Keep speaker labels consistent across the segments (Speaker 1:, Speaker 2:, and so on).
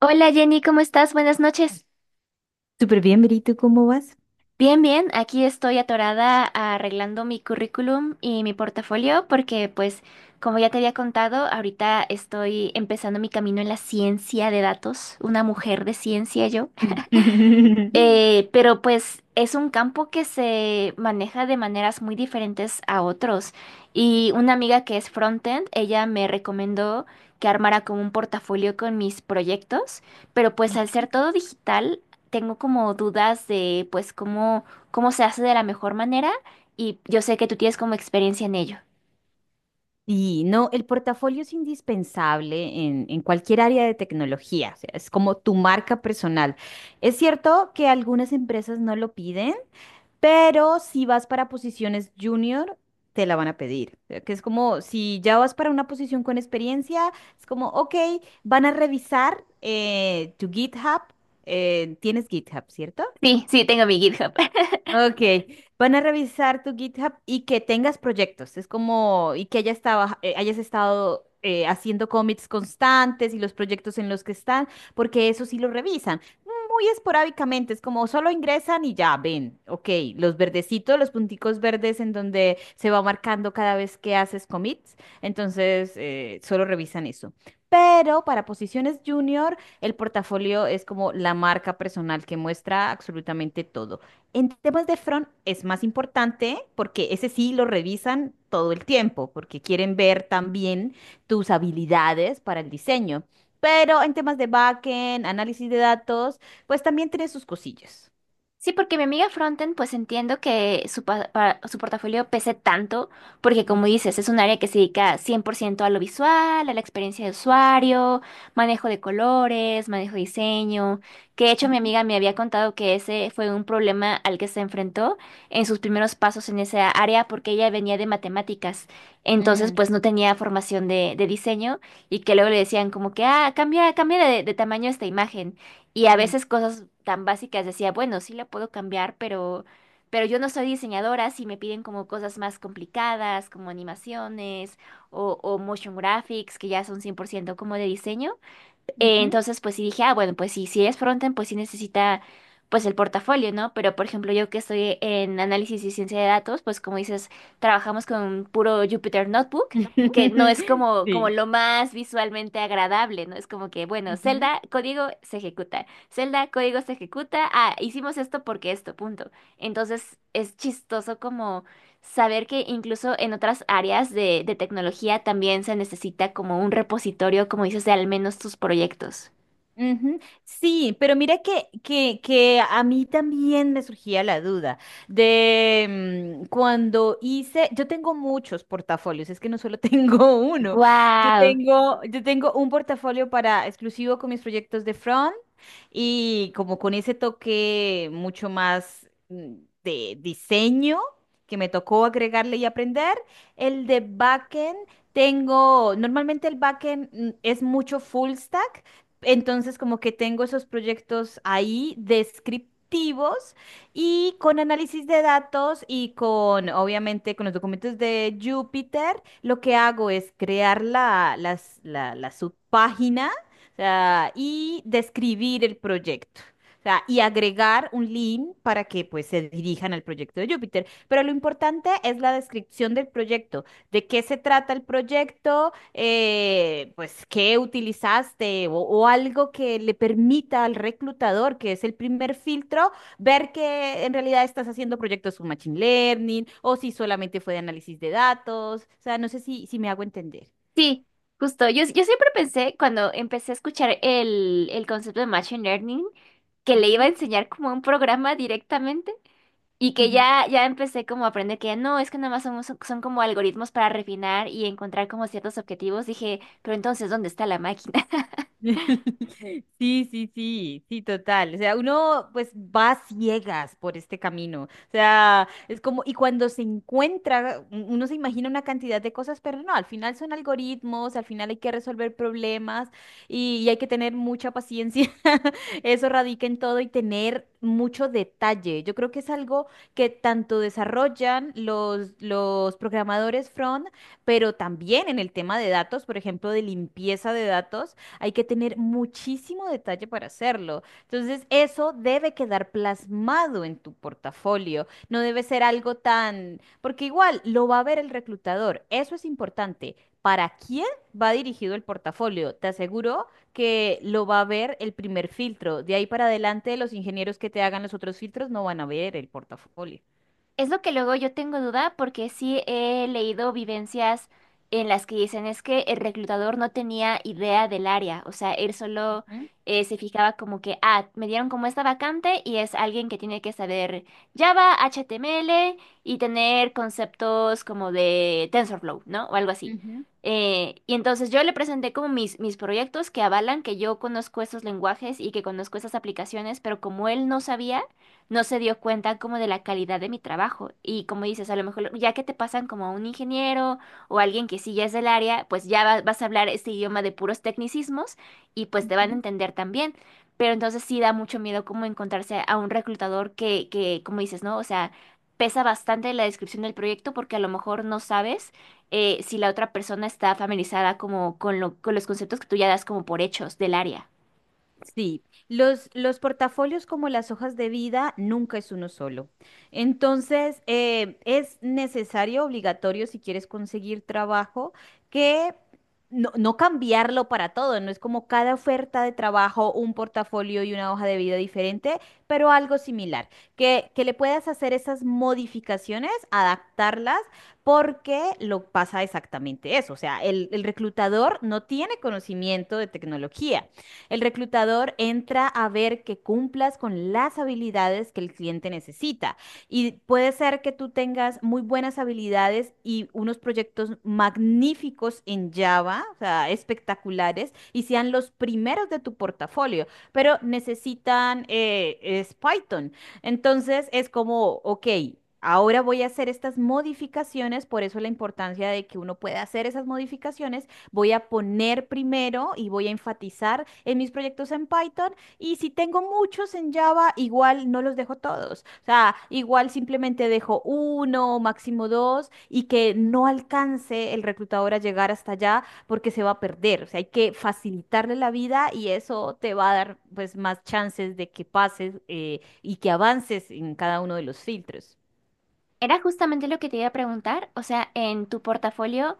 Speaker 1: Hola Jenny, ¿cómo estás? Buenas noches.
Speaker 2: Súper bien, Verito, ¿cómo vas?
Speaker 1: Bien, bien, aquí estoy atorada arreglando mi currículum y mi portafolio porque pues como ya te había contado, ahorita estoy empezando mi camino en la ciencia de datos, una mujer de ciencia yo. Pero pues es un campo que se maneja de maneras muy diferentes a otros. Y una amiga que es frontend, ella me recomendó que armara como un portafolio con mis proyectos, pero pues al ser todo digital, tengo como dudas de pues cómo, cómo se hace de la mejor manera y yo sé que tú tienes como experiencia en ello.
Speaker 2: Y no, el portafolio es indispensable en cualquier área de tecnología, o sea, es como tu marca personal. Es cierto que algunas empresas no lo piden, pero si vas para posiciones junior, te la van a pedir. O sea, que es como, si ya vas para una posición con experiencia, es como, ok, van a revisar tu GitHub, tienes GitHub, ¿cierto?
Speaker 1: Sí, sí, tengo mi GitHub.
Speaker 2: Ok, van a revisar tu GitHub y que tengas proyectos. Es como, y que hayas estado, haciendo commits constantes y los proyectos en los que están, porque eso sí lo revisan. Muy esporádicamente, es como solo ingresan y ya ven. Ok, los verdecitos, los punticos verdes en donde se va marcando cada vez que haces commits. Entonces, solo revisan eso. Pero para posiciones junior, el portafolio es como la marca personal que muestra absolutamente todo. En temas de front es más importante porque ese sí lo revisan todo el tiempo, porque quieren ver también tus habilidades para el diseño. Pero en temas de backend, análisis de datos, pues también tiene sus cosillas.
Speaker 1: Sí, porque mi amiga Frontend, pues entiendo que su, su portafolio pese tanto, porque como
Speaker 2: Ujú,
Speaker 1: dices, es un área que se dedica 100% a lo visual, a la experiencia de usuario, manejo de colores, manejo de diseño, que de hecho mi
Speaker 2: ujú.
Speaker 1: amiga me había contado que ese fue un problema al que se enfrentó en sus primeros pasos en esa área, porque ella venía de matemáticas, entonces
Speaker 2: Mm,
Speaker 1: pues no tenía formación de diseño y que luego le decían como que, ah, cambia, cambia de tamaño esta imagen. Y a
Speaker 2: mm,
Speaker 1: veces cosas tan básicas decía, bueno, sí la puedo cambiar, pero yo no soy diseñadora, si me piden como cosas más complicadas, como animaciones o motion graphics, que ya son 100% como de diseño.
Speaker 2: ujú,
Speaker 1: eh,
Speaker 2: ujú.
Speaker 1: entonces, pues sí dije, ah, bueno, pues sí, si es frontend, pues sí necesita, pues el portafolio, ¿no? Pero, por ejemplo, yo que estoy en análisis y ciencia de datos, pues como dices, trabajamos con puro Jupyter Notebook, que no es como, como
Speaker 2: Sí.
Speaker 1: lo más visualmente agradable, ¿no? Es como que, bueno, celda, código, se ejecuta. Celda, código, se ejecuta. Ah, hicimos esto porque esto, punto. Entonces, es chistoso como saber que incluso en otras áreas de tecnología también se necesita como un repositorio, como dices, de al menos tus proyectos.
Speaker 2: Ujú. Sí, pero mira que a mí también me surgía la duda de cuando hice, yo tengo muchos portafolios, es que no solo tengo uno, yo
Speaker 1: ¡Guau!
Speaker 2: tengo, yo tengo un portafolio para exclusivo con mis proyectos de front y como con ese toque mucho más de diseño que me tocó agregarle y aprender, el de backend. Tengo, normalmente el backend es mucho full stack, entonces, como que tengo esos proyectos ahí descriptivos y con análisis de datos y con, obviamente, con los documentos de Jupyter, lo que hago es crear la subpágina, o sea, y describir el proyecto. O sea, y agregar un link para que pues se dirijan al proyecto de Jupyter. Pero lo importante es la descripción del proyecto, de qué se trata el proyecto, pues, qué utilizaste o algo que le permita al reclutador, que es el primer filtro, ver que en realidad estás haciendo proyectos con Machine Learning o si solamente fue de análisis de datos. O sea, no sé si me hago entender.
Speaker 1: Sí, justo. Yo siempre pensé, cuando empecé a escuchar el concepto de Machine Learning, que le iba a
Speaker 2: Ujú.
Speaker 1: enseñar como un programa directamente y que ya, ya empecé como a aprender que no, es que nada más son, son como algoritmos para refinar y encontrar como ciertos objetivos. Dije, pero entonces, ¿dónde está la máquina?
Speaker 2: Sí, sí, sí, sí, total. O sea, uno pues va a ciegas por este camino. O sea, es como, y cuando se encuentra, uno se imagina una cantidad de cosas, pero no, al final son algoritmos, al final hay que resolver problemas y hay que tener mucha paciencia. Eso radica en todo y tener mucho detalle. Yo creo que es algo que tanto desarrollan los programadores front, pero también en el tema de datos, por ejemplo, de limpieza de datos. Hay que tener muchísimo detalle para hacerlo. Entonces, eso debe quedar plasmado en tu portafolio. No debe ser algo tan, porque igual lo va a ver el reclutador. Eso es importante. ¿Para quién va dirigido el portafolio? Te aseguro que lo va a ver el primer filtro. De ahí para adelante, los ingenieros que te hagan los otros filtros no van a ver el portafolio.
Speaker 1: Es lo que luego yo tengo duda porque sí he leído vivencias en las que dicen es que el reclutador no tenía idea del área, o sea, él solo
Speaker 2: Ujú,
Speaker 1: se fijaba como que, ah, me dieron como esta vacante y es alguien que tiene que saber Java, HTML y tener conceptos como de TensorFlow, ¿no? O algo así.
Speaker 2: ujú,
Speaker 1: Y entonces yo le presenté como mis, mis proyectos que avalan que yo conozco esos lenguajes y que conozco esas aplicaciones, pero como él no sabía no se dio cuenta como de la calidad de mi trabajo. Y como dices, a lo mejor ya que te pasan como a un ingeniero o alguien que sí ya es del área, pues ya vas a hablar este idioma de puros tecnicismos y pues te van a
Speaker 2: ujú.
Speaker 1: entender también. Pero entonces sí da mucho miedo como encontrarse a un reclutador que, como dices, ¿no? O sea, pesa bastante la descripción del proyecto porque a lo mejor no sabes si la otra persona está familiarizada como con con los conceptos que tú ya das como por hechos del área.
Speaker 2: Sí, los portafolios como las hojas de vida nunca es uno solo. Entonces, es necesario, obligatorio, si quieres conseguir trabajo, que no cambiarlo para todo. No es como cada oferta de trabajo, un portafolio y una hoja de vida diferente, pero algo similar. Que le puedas hacer esas modificaciones, adaptarlas, porque lo pasa exactamente eso. O sea, el reclutador no tiene conocimiento de tecnología. El reclutador entra a ver que cumplas con las habilidades que el cliente necesita. Y puede ser que tú tengas muy buenas habilidades y unos proyectos magníficos en Java, o sea, espectaculares, y sean los primeros de tu portafolio, pero necesitan es Python. Entonces es como, ok. Ahora voy a hacer estas modificaciones, por eso la importancia de que uno pueda hacer esas modificaciones voy a poner primero y voy a enfatizar en mis proyectos en Python. Y si tengo muchos en Java, igual no los dejo todos. O sea, igual simplemente dejo uno, máximo dos, y que no alcance el reclutador a llegar hasta allá porque se va a perder. O sea, hay que facilitarle la vida y eso te va a dar pues más chances de que pases y que avances en cada uno de los filtros.
Speaker 1: Era justamente lo que te iba a preguntar, o sea, en tu portafolio,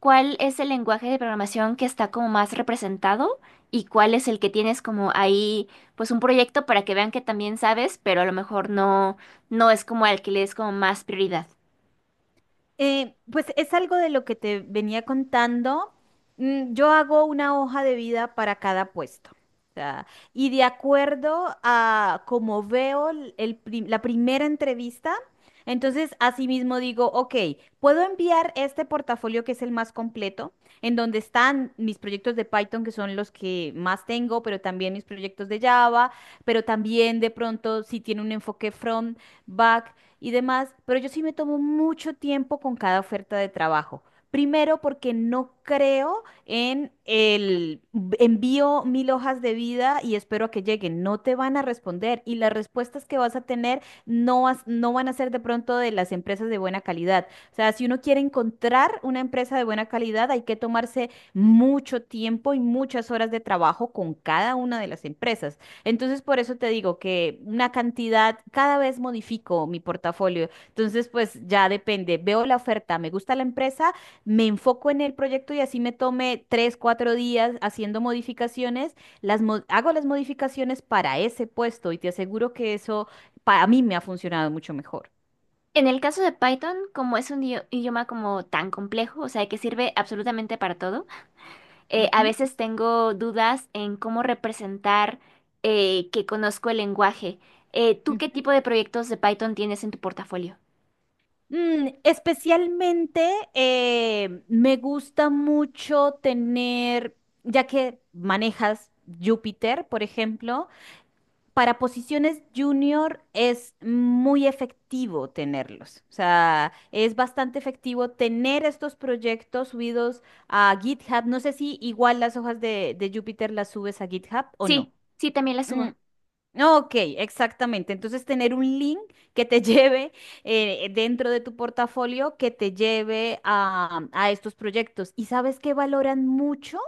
Speaker 1: ¿cuál es el lenguaje de programación que está como más representado y cuál es el que tienes como ahí, pues un proyecto para que vean que también sabes, pero a lo mejor no, no es como al que le des como más prioridad?
Speaker 2: Pues es algo de lo que te venía contando. Yo hago una hoja de vida para cada puesto. O sea, y de acuerdo a cómo veo la primera entrevista, entonces asimismo digo, ok, puedo enviar este portafolio que es el más completo, en donde están mis proyectos de Python, que son los que más tengo, pero también mis proyectos de Java, pero también de pronto si tiene un enfoque front, back y demás, pero yo sí me tomo mucho tiempo con cada oferta de trabajo. Primero, porque no creo en envío mil hojas de vida y espero a que lleguen. No te van a responder y las respuestas que vas a tener no, no van a ser de pronto de las empresas de buena calidad. O sea, si uno quiere encontrar una empresa de buena calidad, hay que tomarse mucho tiempo y muchas horas de trabajo con cada una de las empresas. Entonces, por eso te digo que una cantidad, cada vez modifico mi portafolio. Entonces, pues ya depende. Veo la oferta, me gusta la empresa, me enfoco en el proyecto y así me tome 3, 4 días haciendo modificaciones. Hago las modificaciones para ese puesto y te aseguro que eso para mí me ha funcionado mucho mejor.
Speaker 1: En el caso de Python, como es un idioma como tan complejo, o sea, que sirve absolutamente para todo, a
Speaker 2: Ujú.
Speaker 1: veces tengo dudas en cómo representar que conozco el lenguaje. ¿Tú qué
Speaker 2: Ujú.
Speaker 1: tipo de proyectos de Python tienes en tu portafolio?
Speaker 2: Especialmente me gusta mucho tener, ya que manejas Júpiter, por ejemplo, para posiciones junior es muy efectivo tenerlos. O sea, es bastante efectivo tener estos proyectos subidos a GitHub. No sé si igual las hojas de Jupyter las subes a GitHub o no.
Speaker 1: Sí, sí, también la
Speaker 2: Mm,
Speaker 1: subo.
Speaker 2: ok, exactamente. Entonces, tener un link que te lleve dentro de tu portafolio, que te lleve a estos proyectos. ¿Y sabes qué valoran mucho?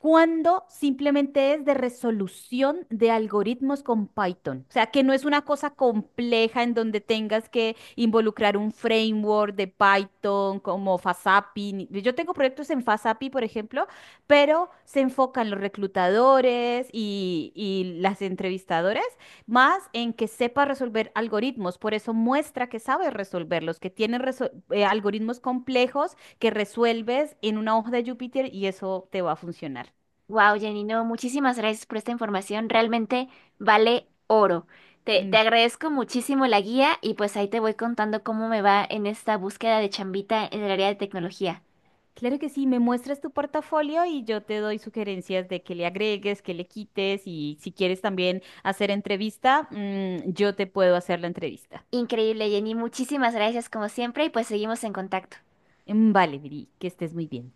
Speaker 2: Cuando simplemente es de resolución de algoritmos con Python. O sea, que no es una cosa compleja en donde tengas que involucrar un framework de Python como FastAPI. Yo tengo proyectos en FastAPI, por ejemplo, pero se enfocan los reclutadores y las entrevistadoras más en que sepa resolver algoritmos. Por eso muestra que sabe resolverlos, que tiene algoritmos complejos que resuelves en una hoja de Júpiter y eso te va a funcionar.
Speaker 1: Wow, Jenny, no, muchísimas gracias por esta información. Realmente vale oro. Te
Speaker 2: Mm,
Speaker 1: agradezco muchísimo la guía y pues ahí te voy contando cómo me va en esta búsqueda de chambita en el área de tecnología.
Speaker 2: claro que sí, me muestras tu portafolio y yo te doy sugerencias de que le agregues, que le quites y si quieres también hacer entrevista, yo te puedo hacer la entrevista.
Speaker 1: Increíble, Jenny. Muchísimas gracias como siempre y pues seguimos en contacto.
Speaker 2: Mm, vale, Viri, que estés muy bien.